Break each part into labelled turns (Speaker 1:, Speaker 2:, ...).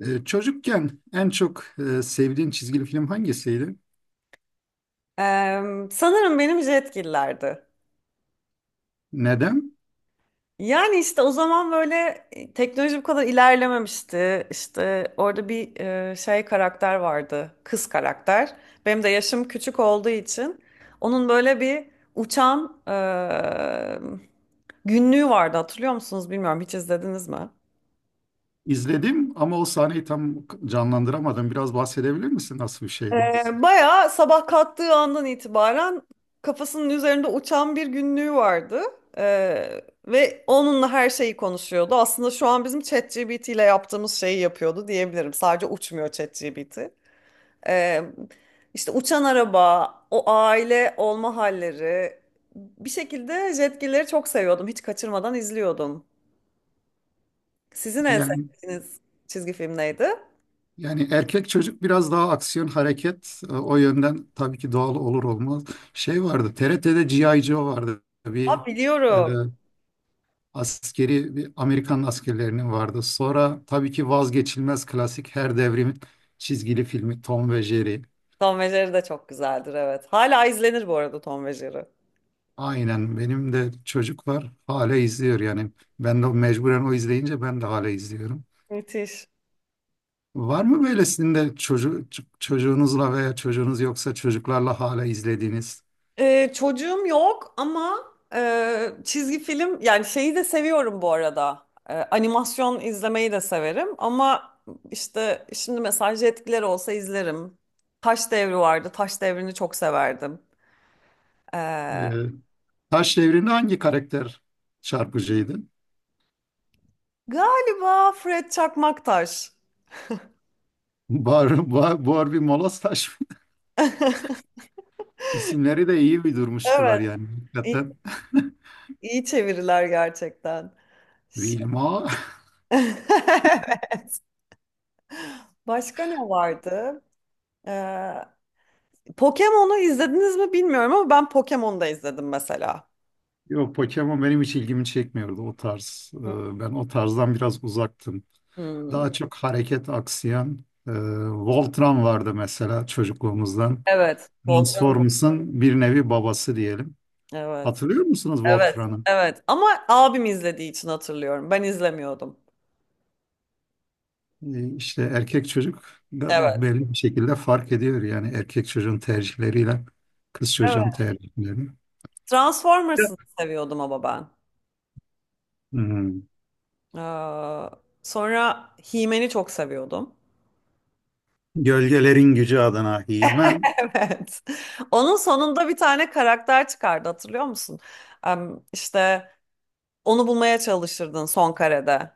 Speaker 1: Çocukken en çok sevdiğin çizgili film hangisiydi?
Speaker 2: Sanırım benim Jetgiller'di.
Speaker 1: Neden?
Speaker 2: Yani işte o zaman böyle teknoloji bu kadar ilerlememişti. İşte orada bir şey karakter vardı. Kız karakter. Benim de yaşım küçük olduğu için onun böyle bir uçan günlüğü vardı, hatırlıyor musunuz, bilmiyorum, hiç izlediniz mi?
Speaker 1: İzledim ama o sahneyi tam canlandıramadım. Biraz bahsedebilir misin, nasıl bir şeydi?
Speaker 2: Bayağı sabah kalktığı andan itibaren kafasının üzerinde uçan bir günlüğü vardı. E, Ve onunla her şeyi konuşuyordu. Aslında şu an bizim ChatGPT ile yaptığımız şeyi yapıyordu diyebilirim. Sadece uçmuyor ChatGPT. E, işte uçan araba, o aile olma halleri. Bir şekilde Jetgilleri çok seviyordum. Hiç kaçırmadan izliyordum. Sizin en
Speaker 1: Yani
Speaker 2: sevdiğiniz çizgi film neydi?
Speaker 1: yani erkek çocuk biraz daha aksiyon hareket o yönden tabii ki doğal olur olmaz. Şey vardı, TRT'de G.I. Joe vardı. Bir
Speaker 2: Aa,
Speaker 1: e,
Speaker 2: biliyorum.
Speaker 1: askeri bir Amerikan askerlerinin vardı. Sonra tabii ki vazgeçilmez klasik her devrimin çizgili filmi Tom ve Jerry.
Speaker 2: Tom ve Jerry de çok güzeldir, evet. Hala izlenir bu arada Tom ve Jerry.
Speaker 1: Aynen, benim de çocuk var, hala izliyor yani, ben de mecburen o izleyince ben de hala izliyorum.
Speaker 2: Müthiş.
Speaker 1: Var mı böylesinde çocuğu, çocuğunuzla veya çocuğunuz yoksa çocuklarla hala izlediğiniz?
Speaker 2: Çocuğum yok ama çizgi film, yani şeyi de seviyorum bu arada. Animasyon izlemeyi de severim ama işte şimdi mesaj etkileri olsa izlerim. Taş Devri vardı. Taş Devri'ni çok severdim.
Speaker 1: Ee,
Speaker 2: Ee,
Speaker 1: Taş Devri'nde hangi karakter çarpıcıydı?
Speaker 2: galiba Fred Çakmaktaş.
Speaker 1: Barbie Molas Taş mı? İsimleri de iyi bir durmuştular
Speaker 2: Evet.
Speaker 1: yani,
Speaker 2: iyi
Speaker 1: hakikaten.
Speaker 2: iyi çeviriler gerçekten. Ş-
Speaker 1: Wilma.
Speaker 2: Evet. Başka ne vardı? Ee, Pokemon'u izlediniz mi bilmiyorum ama ben Pokemon'u da izledim mesela.
Speaker 1: Yok, Pokemon benim hiç ilgimi çekmiyordu o tarz. Ben o tarzdan biraz uzaktım.
Speaker 2: Hmm.
Speaker 1: Daha çok hareket aksiyon. Voltron vardı mesela çocukluğumuzdan.
Speaker 2: Evet. Volkan.
Speaker 1: Transformers'ın bir nevi babası diyelim.
Speaker 2: Evet.
Speaker 1: Hatırlıyor musunuz
Speaker 2: Evet.
Speaker 1: Voltron'u?
Speaker 2: Evet. Ama abim izlediği için hatırlıyorum. Ben izlemiyordum.
Speaker 1: İşte erkek çocuk
Speaker 2: Evet.
Speaker 1: da belli bir şekilde fark ediyor. Yani erkek çocuğun tercihleriyle kız çocuğun
Speaker 2: Evet.
Speaker 1: tercihlerini. Evet.
Speaker 2: Transformers'ı seviyordum ama ben.
Speaker 1: Hmm.
Speaker 2: Ee, sonra He-Man'i çok seviyordum.
Speaker 1: Gölgelerin gücü adına He-Man.
Speaker 2: Evet. Onun sonunda bir tane karakter çıkardı, hatırlıyor musun? İşte onu bulmaya çalışırdın son karede.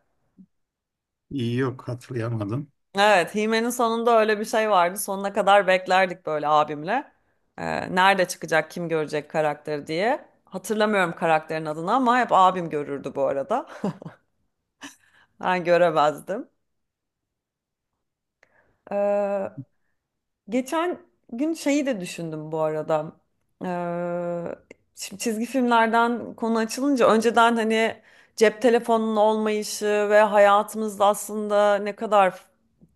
Speaker 1: İyi, yok, hatırlayamadım.
Speaker 2: Evet, Hime'nin sonunda öyle bir şey vardı. Sonuna kadar beklerdik böyle abimle. Nerede çıkacak, kim görecek karakteri diye. Hatırlamıyorum karakterin adını ama hep abim görürdü bu arada. Ben göremezdim. Ee, Geçen gün şeyi de düşündüm bu arada. Şimdi çizgi filmlerden konu açılınca, önceden hani cep telefonunun olmayışı ve hayatımızda aslında ne kadar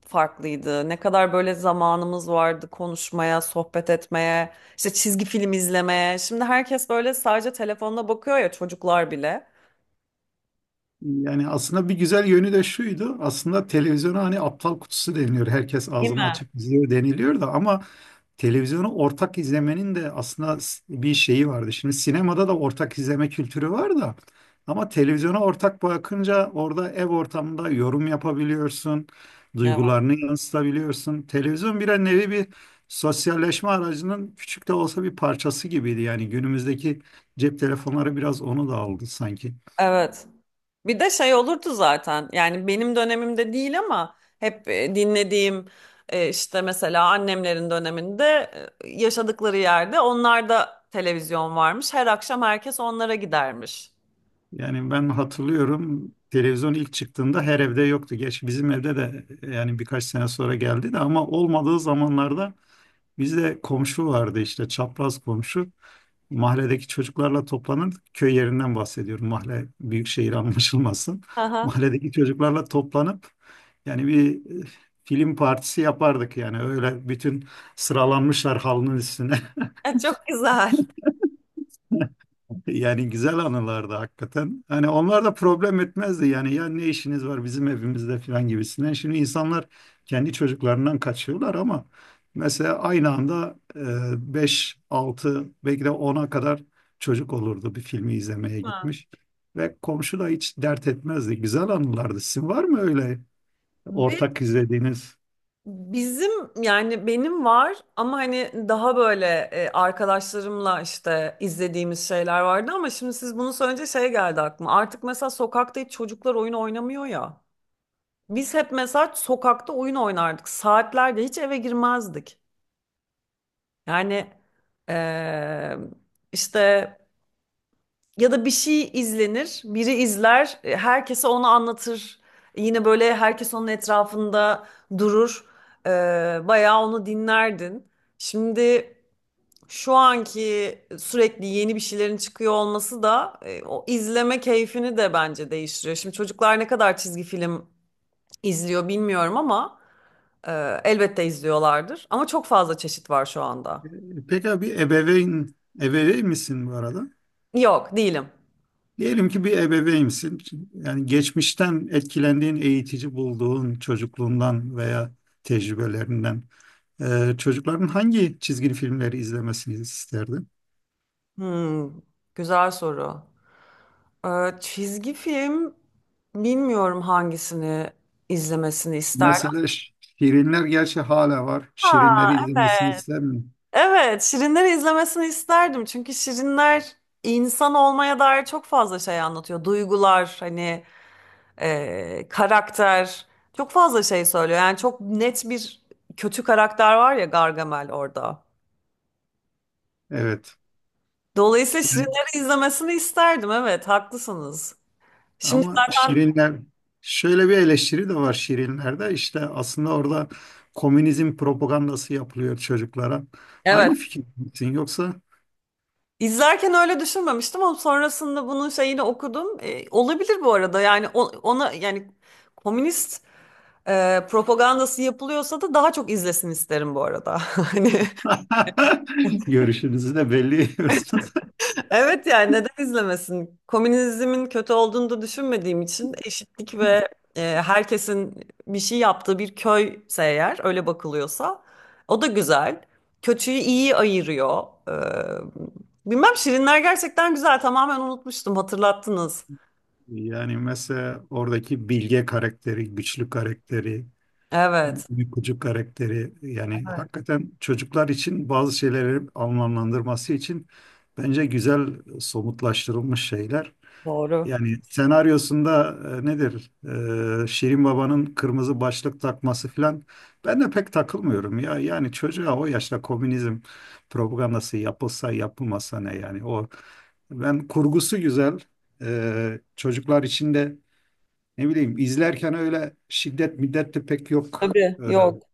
Speaker 2: farklıydı. Ne kadar böyle zamanımız vardı konuşmaya, sohbet etmeye, işte çizgi film izlemeye. Şimdi herkes böyle sadece telefonuna bakıyor ya, çocuklar bile.
Speaker 1: Yani aslında bir güzel yönü de şuydu. Aslında televizyona hani aptal kutusu deniliyor. Herkes
Speaker 2: Değil
Speaker 1: ağzını
Speaker 2: mi?
Speaker 1: açıp izliyor deniliyor da ama televizyonu ortak izlemenin de aslında bir şeyi vardı. Şimdi sinemada da ortak izleme kültürü var da ama televizyona ortak bakınca orada ev ortamında yorum yapabiliyorsun,
Speaker 2: Evet.
Speaker 1: duygularını yansıtabiliyorsun. Televizyon bir nevi bir sosyalleşme aracının küçük de olsa bir parçası gibiydi. Yani günümüzdeki cep telefonları biraz onu da aldı sanki.
Speaker 2: Evet. Bir de şey olurdu zaten, yani benim dönemimde değil ama hep dinlediğim işte mesela annemlerin döneminde yaşadıkları yerde onlar da televizyon varmış. Her akşam herkes onlara gidermiş.
Speaker 1: Yani ben hatırlıyorum, televizyon ilk çıktığında her evde yoktu. Geç bizim evde de, yani birkaç sene sonra geldi de, ama olmadığı zamanlarda bizde komşu vardı, işte çapraz komşu. Mahalledeki çocuklarla toplanırdık. Köy yerinden bahsediyorum. Mahalle büyük şehir anlaşılmasın.
Speaker 2: Aha.
Speaker 1: Mahalledeki çocuklarla toplanıp yani bir e, film partisi yapardık yani, öyle bütün sıralanmışlar halının üstüne.
Speaker 2: Çok güzel.
Speaker 1: Yani güzel anılardı hakikaten. Hani onlar da problem etmezdi yani, ya ne işiniz var bizim evimizde falan gibisinden. Şimdi insanlar kendi çocuklarından kaçıyorlar ama mesela aynı anda 5 altı, belki de ona kadar çocuk olurdu bir filmi izlemeye
Speaker 2: Ha.
Speaker 1: gitmiş. Ve komşu da hiç dert etmezdi. Güzel anılardı. Sizin var mı öyle
Speaker 2: Ve
Speaker 1: ortak izlediğiniz?
Speaker 2: bizim, yani benim var ama hani daha böyle arkadaşlarımla işte izlediğimiz şeyler vardı ama şimdi siz bunu söyleyince şey geldi aklıma. Artık mesela sokakta hiç çocuklar oyun oynamıyor ya. Biz hep mesela sokakta oyun oynardık. Saatlerce hiç eve girmezdik. Yani eee, işte, ya da bir şey izlenir, biri izler, herkese onu anlatır. Yine böyle herkes onun etrafında durur. Bayağı onu dinlerdin. Şimdi şu anki, sürekli yeni bir şeylerin çıkıyor olması da o izleme keyfini de bence değiştiriyor. Şimdi çocuklar ne kadar çizgi film izliyor bilmiyorum ama. Elbette izliyorlardır ama çok fazla çeşit var şu anda.
Speaker 1: Peki abi, ebeveyn misin bu arada?
Speaker 2: Yok, değilim.
Speaker 1: Diyelim ki bir ebeveynsin. Yani geçmişten etkilendiğin, eğitici bulduğun, çocukluğundan veya tecrübelerinden çocukların hangi çizgi filmleri izlemesini isterdin?
Speaker 2: Hmm, güzel soru. Çizgi film bilmiyorum hangisini izlemesini isterdim.
Speaker 1: Mesela Şirinler gerçi hala var.
Speaker 2: Aa,
Speaker 1: Şirinleri izlemesini
Speaker 2: evet.
Speaker 1: ister mi?
Speaker 2: Evet, Şirinleri izlemesini isterdim. Çünkü Şirinler insan olmaya dair çok fazla şey anlatıyor. Duygular, hani karakter, çok fazla şey söylüyor. Yani çok net bir kötü karakter var ya, Gargamel orada.
Speaker 1: Evet.
Speaker 2: Dolayısıyla
Speaker 1: Yani
Speaker 2: Şirinleri izlemesini isterdim. Evet, haklısınız. Şimdi
Speaker 1: ama
Speaker 2: zaten
Speaker 1: Şirinler, şöyle bir eleştiri de var Şirinler'de. İşte aslında orada komünizm propagandası yapılıyor çocuklara.
Speaker 2: evet.
Speaker 1: Aynı fikir misin? Yoksa
Speaker 2: İzlerken öyle düşünmemiştim ama sonrasında bunun şeyini okudum. E, olabilir bu arada. Yani o- ona, yani komünist propagandası yapılıyorsa da daha çok izlesin isterim bu arada. Hani
Speaker 1: görüşünüzü de belli ediyorsunuz.
Speaker 2: evet, yani neden izlemesin? Komünizmin kötü olduğunu da düşünmediğim için eşitlik ve herkesin bir şey yaptığı bir köyse, eğer öyle bakılıyorsa o da güzel. Kötüyü iyi ayırıyor. Bilmem, Şirinler gerçekten güzel, tamamen unutmuştum, hatırlattınız.
Speaker 1: Yani mesela oradaki bilge karakteri, güçlü karakteri,
Speaker 2: Evet.
Speaker 1: uykucu karakteri yani hakikaten çocuklar için bazı şeyleri anlamlandırması için bence güzel somutlaştırılmış şeyler.
Speaker 2: Doğru.
Speaker 1: Yani senaryosunda nedir? Şirin Baba'nın kırmızı başlık takması falan. Ben de pek takılmıyorum ya. Yani çocuğa o yaşta komünizm propagandası yapılsa yapılmasa ne yani, o ben kurgusu güzel. Çocuklar için de ne bileyim, izlerken öyle şiddet middet de pek yok.
Speaker 2: Tabii yok.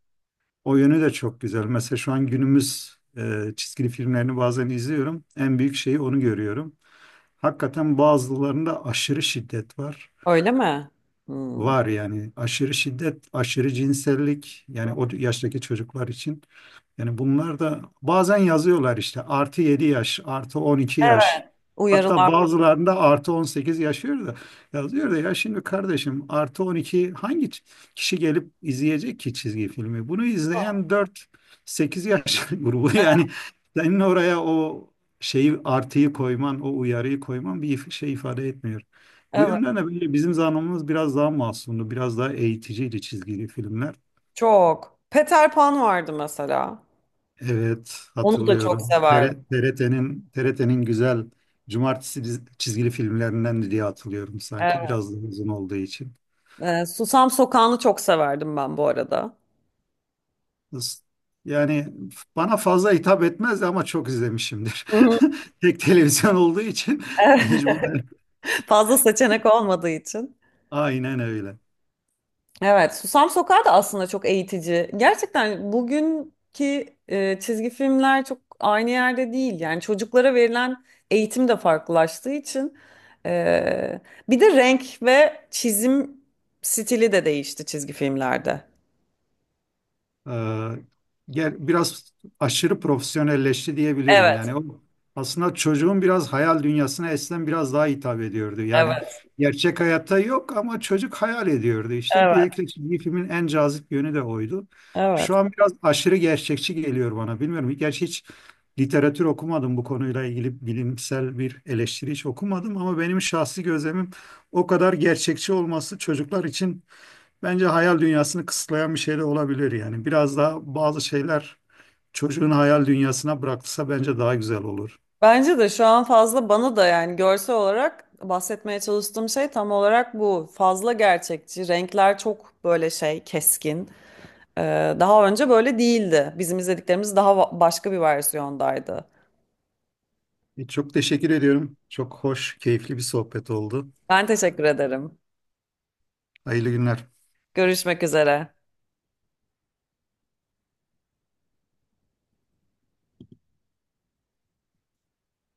Speaker 1: O yönü de çok güzel. Mesela şu an günümüz çizgili filmlerini bazen izliyorum. En büyük şeyi onu görüyorum. Hakikaten bazılarında aşırı şiddet var.
Speaker 2: Öyle mi? Hmm.
Speaker 1: Var yani, aşırı şiddet, aşırı cinsellik yani o yaştaki çocuklar için. Yani bunlar da bazen yazıyorlar işte artı 7 yaş, artı 12 yaş.
Speaker 2: Evet.
Speaker 1: Hatta
Speaker 2: Uyarılar.
Speaker 1: bazılarında artı 18 yaşıyor da yazıyor da, ya şimdi kardeşim artı 12 hangi kişi gelip izleyecek ki çizgi filmi? Bunu izleyen 4 8 yaş grubu yani, senin oraya o şeyi artıyı koyman, o uyarıyı koyman bir şey ifade etmiyor. Bu
Speaker 2: Evet.
Speaker 1: yönden de böyle bizim zamanımız biraz daha masumdu, biraz daha eğiticiydi çizgili filmler.
Speaker 2: Çok. Peter Pan vardı mesela.
Speaker 1: Evet,
Speaker 2: Onu da çok
Speaker 1: hatırlıyorum.
Speaker 2: severdim.
Speaker 1: TRT'nin güzel cumartesi çizgili filmlerinden diye hatırlıyorum, sanki biraz daha uzun olduğu için.
Speaker 2: Susam Sokağı'nı çok severdim ben bu arada.
Speaker 1: Is- Yani bana fazla hitap etmezdi ama çok izlemişimdir.
Speaker 2: Hı hı.
Speaker 1: Tek televizyon olduğu için mecburen.
Speaker 2: Fazla seçenek olmadığı için.
Speaker 1: Aynen öyle.
Speaker 2: Evet, Susam Sokağı da aslında çok eğitici. Gerçekten bugünkü çizgi filmler çok aynı yerde değil. Yani çocuklara verilen eğitim de farklılaştığı için. e, bir de renk ve çizim stili de değişti çizgi filmlerde.
Speaker 1: Ee, Gel biraz, aşırı profesyonelleşti diyebilirim.
Speaker 2: Evet,
Speaker 1: Yani o aslında çocuğun biraz hayal dünyasına eskiden biraz daha hitap ediyordu. Yani
Speaker 2: evet,
Speaker 1: gerçek hayatta yok ama çocuk hayal ediyordu işte.
Speaker 2: evet,
Speaker 1: Belki bir filmin en cazip yönü de oydu. Şu
Speaker 2: evet.
Speaker 1: an biraz aşırı gerçekçi geliyor bana. Bilmiyorum. Gerçi hiç literatür okumadım bu konuyla ilgili, bilimsel bir eleştiri hiç okumadım ama benim şahsi gözlemim, o kadar gerçekçi olması çocuklar için bence hayal dünyasını kısıtlayan bir şey de olabilir yani. Biraz daha bazı şeyler çocuğun hayal dünyasına bırakılsa bence daha güzel olur.
Speaker 2: Bence de şu an fazla, bana da yani görsel olarak bahsetmeye çalıştığım şey tam olarak bu. Fazla gerçekçi. Renkler çok böyle şey, keskin. Daha önce böyle değildi. Bizim izlediklerimiz daha başka bir versiyondaydı.
Speaker 1: Çok teşekkür ediyorum. Çok hoş, keyifli bir sohbet oldu.
Speaker 2: Ben teşekkür ederim.
Speaker 1: Hayırlı günler.
Speaker 2: Görüşmek üzere.